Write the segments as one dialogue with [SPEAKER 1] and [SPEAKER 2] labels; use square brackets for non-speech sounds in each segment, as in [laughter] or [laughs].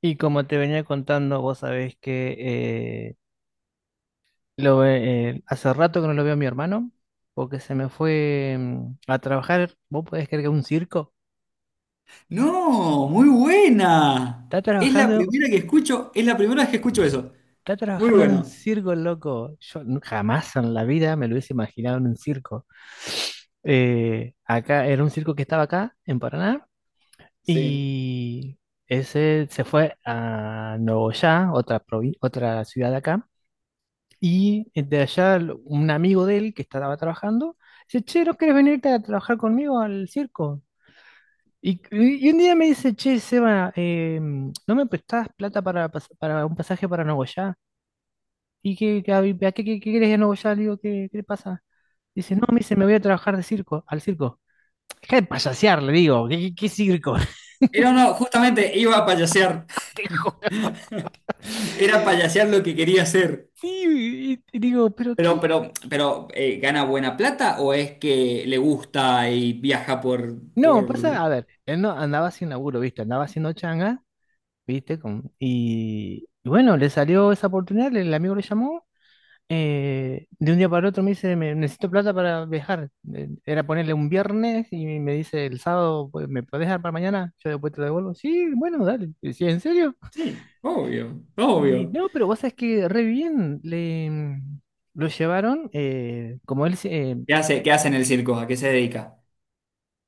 [SPEAKER 1] Y como te venía contando, vos sabés que eh, hace rato que no lo veo a mi hermano, porque se me fue a trabajar. ¿Vos podés creer que a un circo?
[SPEAKER 2] No, muy buena.
[SPEAKER 1] Está
[SPEAKER 2] Es la
[SPEAKER 1] trabajando,
[SPEAKER 2] primera que escucho, es la primera vez que escucho eso.
[SPEAKER 1] está
[SPEAKER 2] Muy
[SPEAKER 1] trabajando en un
[SPEAKER 2] bueno.
[SPEAKER 1] circo, loco. Yo jamás en la vida me lo hubiese imaginado en un circo. Acá era un circo que estaba acá, en Paraná,
[SPEAKER 2] Sí.
[SPEAKER 1] y ese se fue a Nogoyá, otra ciudad de acá. Y de allá, un amigo de él que estaba trabajando, dice, che, ¿no querés venirte a trabajar conmigo al circo? Y un día me dice, che, Seba, ¿no me prestás plata para un pasaje para Nogoyá? ¿Y a qué querés ir a Nogoyá? Le digo, ¿qué le pasa? Dice, no, me dice, me voy a trabajar de circo, al circo. Deja de payasear, le digo, ¿qué circo? [laughs]
[SPEAKER 2] Era no, justamente iba a payasear.
[SPEAKER 1] Te juro.
[SPEAKER 2] [laughs] Era payasear lo que quería hacer.
[SPEAKER 1] Sí, y digo, ¿pero
[SPEAKER 2] Pero,
[SPEAKER 1] qué?
[SPEAKER 2] pero, pero, eh, ¿gana buena plata o es que le gusta y viaja
[SPEAKER 1] No, pasa,
[SPEAKER 2] por...
[SPEAKER 1] a ver, él no andaba sin laburo, ¿viste? Andaba haciendo changa. ¿Viste? Y bueno, le salió esa oportunidad, el amigo le llamó, de un día para el otro me dice, Necesito plata para viajar". Era ponerle un viernes y me dice, el sábado, pues, ¿me podés dar para mañana? Yo después te lo devuelvo. Sí, bueno, dale. Sí, ¿en serio?
[SPEAKER 2] Sí, obvio,
[SPEAKER 1] Y
[SPEAKER 2] obvio.
[SPEAKER 1] no, pero vos sabés que re bien, lo llevaron, como él,
[SPEAKER 2] Qué hace en el circo? ¿A qué se dedica?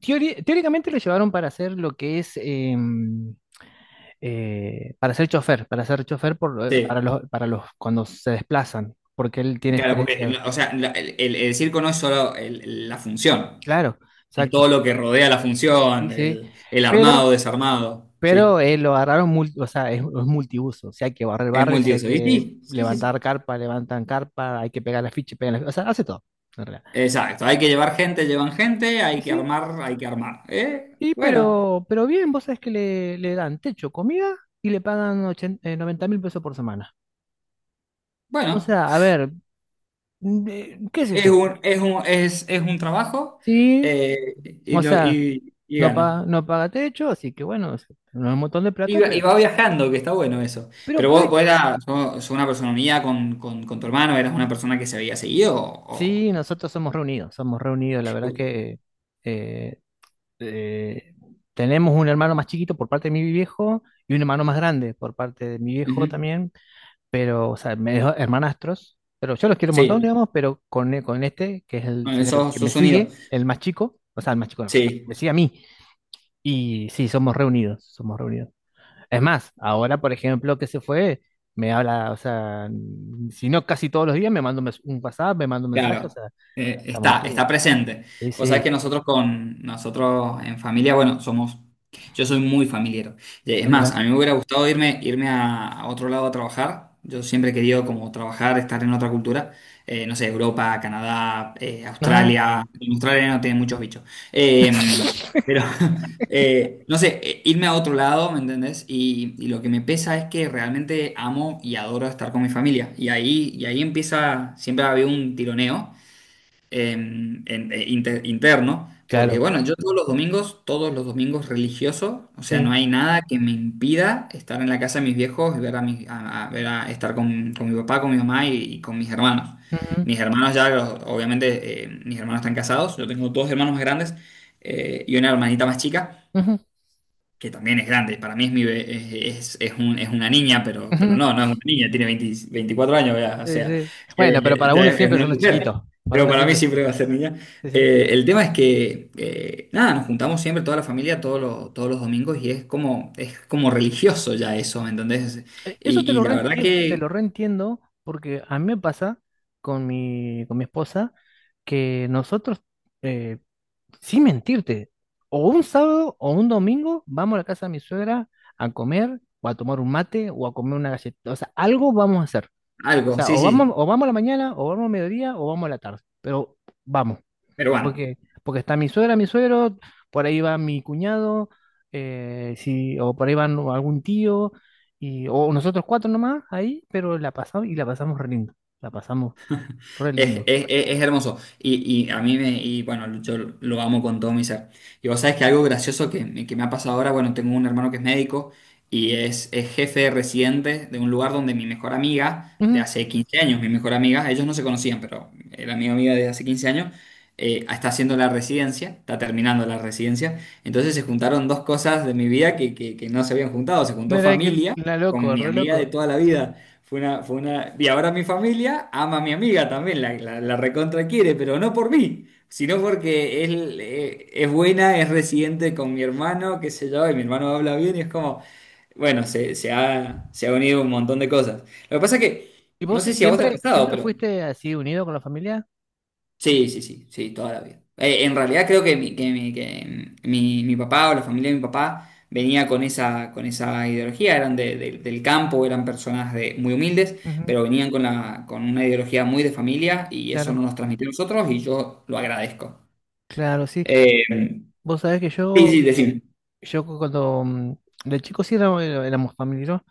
[SPEAKER 1] teóricamente lo llevaron para hacer lo que es para ser chofer para
[SPEAKER 2] Sí,
[SPEAKER 1] los cuando se desplazan, porque él tiene
[SPEAKER 2] claro, porque,
[SPEAKER 1] experiencia.
[SPEAKER 2] o sea, el circo no es solo la función.
[SPEAKER 1] Claro,
[SPEAKER 2] Es todo
[SPEAKER 1] exacto.
[SPEAKER 2] lo que rodea la
[SPEAKER 1] Sí,
[SPEAKER 2] función,
[SPEAKER 1] sí.
[SPEAKER 2] el
[SPEAKER 1] Pero,
[SPEAKER 2] armado, desarmado.
[SPEAKER 1] pero
[SPEAKER 2] Sí,
[SPEAKER 1] eh, lo agarraron, o sea, es multiuso. Si hay que barrer,
[SPEAKER 2] es
[SPEAKER 1] barre, si hay
[SPEAKER 2] multiuso. Y
[SPEAKER 1] que
[SPEAKER 2] sí, sí, sí,
[SPEAKER 1] levantar
[SPEAKER 2] sí.
[SPEAKER 1] carpa, levantan carpa, hay que pegar la ficha, pegan la ficha, o sea, hace todo, en realidad.
[SPEAKER 2] Exacto. Hay que llevar gente, llevan gente, hay
[SPEAKER 1] Y
[SPEAKER 2] que
[SPEAKER 1] sí,
[SPEAKER 2] armar, hay que armar.
[SPEAKER 1] y
[SPEAKER 2] Bueno,
[SPEAKER 1] pero bien, vos sabés que le le dan techo, comida y le pagan 80 90 mil pesos por semana. O sea,
[SPEAKER 2] bueno.
[SPEAKER 1] a ver, qué sé yo.
[SPEAKER 2] Es un trabajo
[SPEAKER 1] Sí,
[SPEAKER 2] eh, y,
[SPEAKER 1] o
[SPEAKER 2] lo,
[SPEAKER 1] sea.
[SPEAKER 2] y
[SPEAKER 1] No
[SPEAKER 2] gana.
[SPEAKER 1] paga, no paga techo, así que bueno, no es un montón de plata,
[SPEAKER 2] Y va viajando, que está bueno eso.
[SPEAKER 1] pero
[SPEAKER 2] Pero vos,
[SPEAKER 1] puedes.
[SPEAKER 2] sos una persona mía con tu hermano, eras una persona que se había seguido o...
[SPEAKER 1] Sí, nosotros somos reunidos, somos reunidos. La verdad
[SPEAKER 2] o-
[SPEAKER 1] que eh, eh, tenemos un hermano más chiquito por parte de mi viejo y un hermano más grande por parte de mi viejo
[SPEAKER 2] Ujú.
[SPEAKER 1] también, pero, o sea, medio hermanastros. Pero yo los quiero un montón,
[SPEAKER 2] Sí,
[SPEAKER 1] digamos, pero con este, que es el,
[SPEAKER 2] bueno,
[SPEAKER 1] sería el
[SPEAKER 2] sos,
[SPEAKER 1] que me
[SPEAKER 2] sos unido.
[SPEAKER 1] sigue, el más chico, o sea, el más chico no, me
[SPEAKER 2] Sí.
[SPEAKER 1] sigue a mí. Y sí, somos reunidos, somos reunidos. Es más, ahora, por ejemplo, que se fue, me habla, o sea, si no casi todos los días, me manda un WhatsApp, me manda un mensaje, o
[SPEAKER 2] Claro,
[SPEAKER 1] sea, estamos
[SPEAKER 2] está,
[SPEAKER 1] así.
[SPEAKER 2] está presente.
[SPEAKER 1] Sí,
[SPEAKER 2] Vos sabés que
[SPEAKER 1] sí,
[SPEAKER 2] nosotros con nosotros en familia, bueno, somos, yo soy muy familiero. Es más,
[SPEAKER 1] dámela.
[SPEAKER 2] a mí me hubiera gustado irme, irme a otro lado a trabajar. Yo siempre he querido como trabajar, estar en otra cultura. No sé, Europa, Canadá,
[SPEAKER 1] Ajá,
[SPEAKER 2] Australia. En Australia no tiene muchos bichos. Eh, pero [laughs] no sé, irme a otro lado, ¿me entendés? Y lo que me pesa es que realmente amo y adoro estar con mi familia. Y ahí empieza, siempre ha habido un tironeo eh, en- interno, porque
[SPEAKER 1] claro,
[SPEAKER 2] bueno, yo todos los domingos religioso, o sea, no
[SPEAKER 1] sí.
[SPEAKER 2] hay nada que me impida estar en la casa de mis viejos y ver a, ver estar con mi papá, con mi mamá y con mis hermanos.
[SPEAKER 1] Ujú,
[SPEAKER 2] Mis hermanos ya, obviamente, mis hermanos están casados, yo tengo dos hermanos más grandes y una hermanita más chica
[SPEAKER 1] ujú,
[SPEAKER 2] que también es grande. Para mí es, mi, be- es un- es una niña, pero
[SPEAKER 1] ujú.
[SPEAKER 2] no, no es una niña, tiene 20 24 años, ya, o
[SPEAKER 1] Sí,
[SPEAKER 2] sea,
[SPEAKER 1] sí. Bueno, pero para
[SPEAKER 2] ya
[SPEAKER 1] uno
[SPEAKER 2] es
[SPEAKER 1] siempre
[SPEAKER 2] una
[SPEAKER 1] son los
[SPEAKER 2] mujer.
[SPEAKER 1] chiquitos, para
[SPEAKER 2] Pero
[SPEAKER 1] uno
[SPEAKER 2] para mí
[SPEAKER 1] siempre.
[SPEAKER 2] siempre va a ser niña.
[SPEAKER 1] Sí, sí.
[SPEAKER 2] El tema es que, nada, nos juntamos siempre toda la familia todos los domingos y es como religioso ya eso, ¿me entendés?
[SPEAKER 1] Eso
[SPEAKER 2] Y la verdad
[SPEAKER 1] te lo
[SPEAKER 2] que
[SPEAKER 1] reentiendo porque a mí me pasa con mi esposa, que nosotros, sin mentirte, o un sábado o un domingo vamos a la casa de mi suegra a comer o a tomar un mate o a comer una galleta. O sea, algo vamos a hacer. O
[SPEAKER 2] algo,
[SPEAKER 1] sea,
[SPEAKER 2] sí, sí,
[SPEAKER 1] o vamos a la mañana, o vamos a mediodía, o vamos a la tarde. Pero vamos,
[SPEAKER 2] pero bueno.
[SPEAKER 1] porque porque está mi suegra, mi suegro, por ahí va mi cuñado, o por ahí va algún tío, y, o nosotros cuatro nomás ahí, pero la pasamos y la pasamos re lindo. La pasamos re lindo.
[SPEAKER 2] Es hermoso. Y a mí me, y bueno, yo lo amo con todo mi ser. Y vos sabés que algo gracioso que, me ha pasado ahora, bueno, tengo un hermano que es médico y es jefe de residente de un lugar donde mi mejor amiga, de
[SPEAKER 1] Ujú.
[SPEAKER 2] hace 15 años, mi mejor amiga, ellos no se conocían, pero era mi amiga de hace 15 años, está haciendo la residencia, está terminando la residencia. Entonces se juntaron dos cosas de mi vida que, que no se habían juntado. Se juntó
[SPEAKER 1] Mira que
[SPEAKER 2] familia
[SPEAKER 1] la
[SPEAKER 2] con
[SPEAKER 1] loco,
[SPEAKER 2] mi
[SPEAKER 1] re
[SPEAKER 2] amiga
[SPEAKER 1] loco.
[SPEAKER 2] de toda la vida. Fue una... Y ahora mi familia ama a mi amiga también, la recontra quiere, pero no por mí, sino porque él es buena, es residente con mi hermano, qué sé yo, y mi hermano habla bien y es como, bueno, se, se ha unido un montón de cosas. Lo que pasa es que,
[SPEAKER 1] ¿Y
[SPEAKER 2] no
[SPEAKER 1] vos
[SPEAKER 2] sé
[SPEAKER 1] si,
[SPEAKER 2] si a vos te ha
[SPEAKER 1] siempre,
[SPEAKER 2] pasado,
[SPEAKER 1] siempre
[SPEAKER 2] pero
[SPEAKER 1] fuiste así unido con la familia?
[SPEAKER 2] sí, sí, sí, sí, toda la vida. En realidad creo que, mi papá o la familia de mi papá venía con esa ideología, eran del campo, eran personas de, muy humildes,
[SPEAKER 1] Ujú.
[SPEAKER 2] pero venían con, la, con una ideología muy de familia y eso no
[SPEAKER 1] Claro,
[SPEAKER 2] nos transmitió a nosotros y yo lo agradezco.
[SPEAKER 1] claro, sí.
[SPEAKER 2] Eh,
[SPEAKER 1] Vos sabés que
[SPEAKER 2] sí,
[SPEAKER 1] yo,
[SPEAKER 2] sí, decime.
[SPEAKER 1] yo cuando de chico sí éramos familia, ¿no?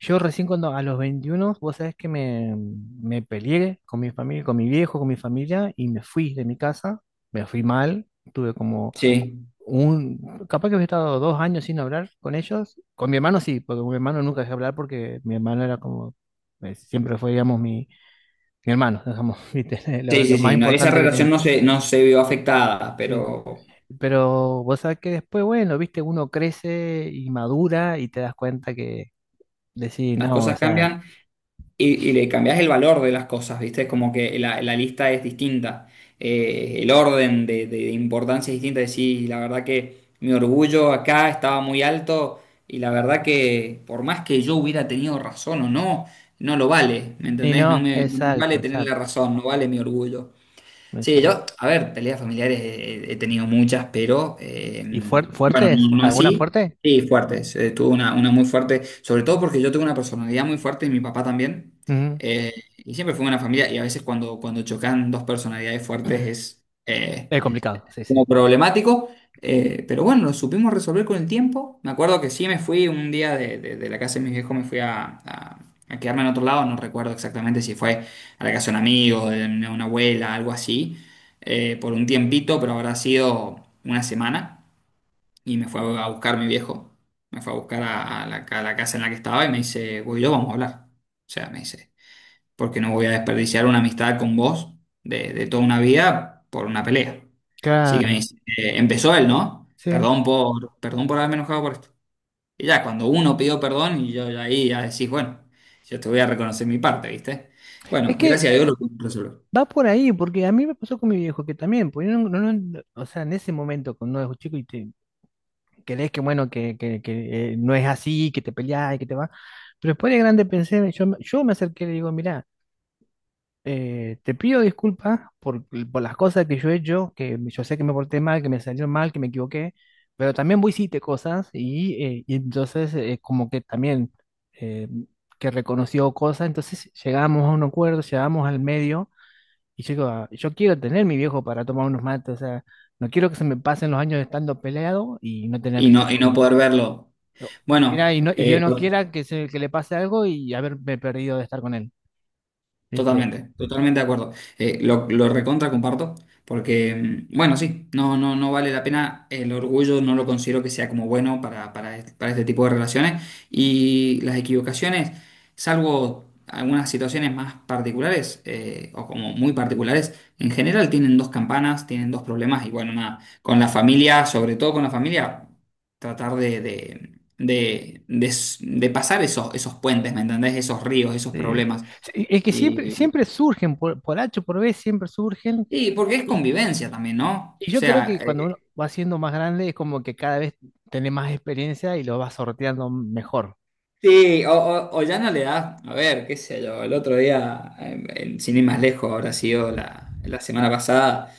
[SPEAKER 1] Yo recién cuando a los 21, vos sabés que me peleé con mi familia, con mi viejo, con mi familia, y me fui de mi casa, me fui mal, tuve como
[SPEAKER 2] Sí,
[SPEAKER 1] un, capaz que había estado 2 años sin hablar con ellos, con mi hermano sí, porque con mi hermano nunca dejé hablar porque mi hermano era como, siempre fue, digamos, mi hermano, digamos, [laughs] ¿viste? Lo,
[SPEAKER 2] sí,
[SPEAKER 1] lo
[SPEAKER 2] sí,
[SPEAKER 1] más
[SPEAKER 2] sí, no, esa
[SPEAKER 1] importante que tenía.
[SPEAKER 2] relación no se, no se vio afectada,
[SPEAKER 1] Sí.
[SPEAKER 2] pero
[SPEAKER 1] Pero vos sabés que después, bueno, viste, uno crece y madura y te das cuenta que decís,
[SPEAKER 2] las
[SPEAKER 1] no, o
[SPEAKER 2] cosas
[SPEAKER 1] sea,
[SPEAKER 2] cambian. Y, y le cambias el valor de las cosas, ¿viste? Como que la lista es distinta, el orden de importancia es distinta. Decís, la verdad que mi orgullo acá estaba muy alto y la verdad que por más que yo hubiera tenido razón o no, no lo vale, ¿me
[SPEAKER 1] y
[SPEAKER 2] entendés? No
[SPEAKER 1] no,
[SPEAKER 2] me, no me
[SPEAKER 1] exacto,
[SPEAKER 2] vale tener la
[SPEAKER 1] exacto,
[SPEAKER 2] razón, no vale mi orgullo. Sí,
[SPEAKER 1] exacto.
[SPEAKER 2] yo, a ver, peleas familiares he tenido muchas, pero
[SPEAKER 1] ¿Y fuer-
[SPEAKER 2] bueno,
[SPEAKER 1] fuertes?
[SPEAKER 2] no, no
[SPEAKER 1] ¿Alguna
[SPEAKER 2] así.
[SPEAKER 1] fuerte?
[SPEAKER 2] Sí, fuertes. Tuve una muy fuerte, sobre todo porque yo tengo una personalidad muy fuerte y mi papá también.
[SPEAKER 1] Ujú.
[SPEAKER 2] eh, y siempre fue una familia, y a veces cuando, cuando chocan dos personalidades fuertes es,
[SPEAKER 1] Es complicado, sí, sí.
[SPEAKER 2] como problemático, pero bueno, lo supimos resolver con el tiempo. Me acuerdo que sí me fui un día de, de la casa de mis viejos, me fui a, a quedarme en otro lado, no recuerdo exactamente si fue a la casa de un amigo, de una abuela, algo así, por un tiempito, pero habrá sido una semana y me fue a buscar mi viejo, me fue a buscar a la casa en la que estaba y me dice, Guido, vamos a hablar. O sea, me dice porque no voy a desperdiciar una amistad con vos de toda una vida por una pelea. Así que me
[SPEAKER 1] Claro,
[SPEAKER 2] dice, empezó él, ¿no?
[SPEAKER 1] sí.
[SPEAKER 2] Perdón por, perdón por haberme enojado por esto. Y ya, cuando uno pidió perdón, y yo ya ahí ya decís, bueno, yo te voy a reconocer mi parte, ¿viste?
[SPEAKER 1] Es
[SPEAKER 2] Bueno,
[SPEAKER 1] que
[SPEAKER 2] gracias a Dios lo pude resolver.
[SPEAKER 1] va por ahí, porque a mí me pasó con mi viejo que también, pues yo o sea, en ese momento, cuando uno es chico y te crees que bueno, que no es así, que te peleas y que te va. Pero después de grande pensé, yo, yo me acerqué y le digo, mira, te pido disculpas por las cosas que yo he hecho, que yo sé que me porté mal, que me salió mal, que me equivoqué, pero también vos hiciste cosas y entonces, como que también eh, que reconoció cosas, entonces llegamos a un acuerdo, llegamos al medio y yo digo, "Ah, yo quiero tener mi viejo para tomar unos mates, o sea, no quiero que se me pasen los años estando peleado y no tener a mi
[SPEAKER 2] Y
[SPEAKER 1] viejo".
[SPEAKER 2] no poder verlo.
[SPEAKER 1] No.
[SPEAKER 2] Bueno,
[SPEAKER 1] Mira, y no, y Dios
[SPEAKER 2] eh,
[SPEAKER 1] no quiera que, se, que le pase algo y haberme perdido de estar con él, ¿viste?
[SPEAKER 2] totalmente, totalmente de acuerdo. Lo recontra comparto, porque, bueno, sí, no, no, no vale la pena. El orgullo no lo considero que sea como bueno para este tipo de relaciones. Y las equivocaciones, salvo algunas situaciones más particulares, o como muy particulares, en general tienen dos campanas, tienen dos problemas. Y bueno, nada, con la familia, sobre todo con la familia, tratar de, de pasar esos, esos puentes, ¿me entendés? Esos ríos, esos
[SPEAKER 1] Sí.
[SPEAKER 2] problemas.
[SPEAKER 1] Sí, es que siempre,
[SPEAKER 2] Y,
[SPEAKER 1] siempre surgen, por H o por B, siempre surgen.
[SPEAKER 2] y porque es
[SPEAKER 1] Y,
[SPEAKER 2] convivencia también, ¿no?
[SPEAKER 1] y
[SPEAKER 2] O
[SPEAKER 1] yo creo
[SPEAKER 2] sea,
[SPEAKER 1] que cuando uno va siendo más grande es como que cada vez tenés más experiencia y lo vas sorteando mejor.
[SPEAKER 2] sí, o, o ya no le das, a ver, qué sé yo, el otro día, sin ir más lejos, habrá sido la, la semana pasada,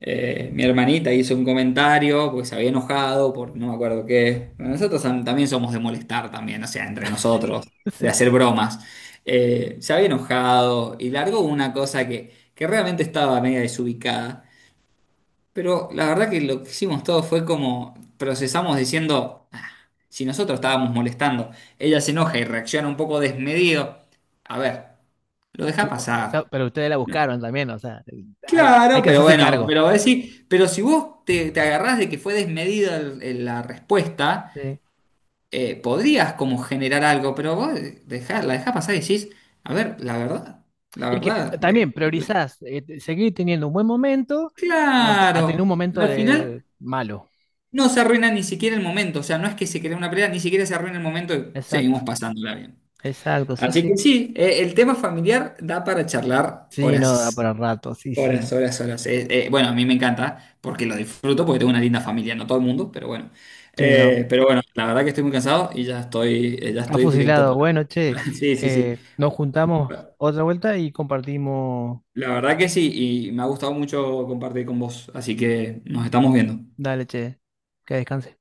[SPEAKER 2] mi hermanita hizo un comentario porque se había enojado por no me acuerdo qué. Bueno, nosotros también somos de molestar también, o sea, entre nosotros,
[SPEAKER 1] [laughs]
[SPEAKER 2] de
[SPEAKER 1] Sí.
[SPEAKER 2] hacer bromas. Se había enojado y largó una cosa que realmente estaba media desubicada. Pero la verdad que lo que hicimos todo fue como procesamos diciendo, "Ah, si nosotros estábamos molestando, ella se enoja y reacciona un poco desmedido. A ver, lo
[SPEAKER 1] O
[SPEAKER 2] dejás
[SPEAKER 1] o sea,
[SPEAKER 2] pasar.
[SPEAKER 1] pero ustedes la
[SPEAKER 2] No.
[SPEAKER 1] buscaron también, o sea, hay
[SPEAKER 2] Claro,
[SPEAKER 1] que
[SPEAKER 2] pero
[SPEAKER 1] hacerse
[SPEAKER 2] bueno,
[SPEAKER 1] cargo.
[SPEAKER 2] pero vos decís, pero si vos te, te agarrás de que fue desmedida la respuesta,
[SPEAKER 1] Sí.
[SPEAKER 2] podrías como generar algo, pero vos la dejás pasar y decís, a ver, la
[SPEAKER 1] Y que
[SPEAKER 2] verdad,
[SPEAKER 1] también priorizás seguir teniendo un buen momento a tener
[SPEAKER 2] claro,
[SPEAKER 1] un momento
[SPEAKER 2] al
[SPEAKER 1] de
[SPEAKER 2] final.
[SPEAKER 1] malo.
[SPEAKER 2] No se arruina ni siquiera el momento, o sea, no es que se crea una pelea, ni siquiera se arruina el momento y seguimos
[SPEAKER 1] Exacto.
[SPEAKER 2] pasándola bien.
[SPEAKER 1] Exacto, sí,
[SPEAKER 2] Así
[SPEAKER 1] sí.
[SPEAKER 2] que sí, el tema familiar da para charlar
[SPEAKER 1] Sí, no, da
[SPEAKER 2] horas,
[SPEAKER 1] para rato, sí,
[SPEAKER 2] horas,
[SPEAKER 1] sí,
[SPEAKER 2] horas, horas. Bueno, a mí me encanta porque lo disfruto, porque tengo una linda familia, no todo el mundo, pero bueno.
[SPEAKER 1] sí, no.
[SPEAKER 2] Pero bueno, la verdad que estoy muy cansado y ya
[SPEAKER 1] Ha
[SPEAKER 2] estoy directo
[SPEAKER 1] fusilado.
[SPEAKER 2] para...
[SPEAKER 1] Bueno, che,
[SPEAKER 2] [laughs] Sí, sí, sí.
[SPEAKER 1] nos juntamos otra vuelta y compartimos.
[SPEAKER 2] La verdad que sí, y me ha gustado mucho compartir con vos, así que nos estamos viendo.
[SPEAKER 1] Dale, che, que descanse.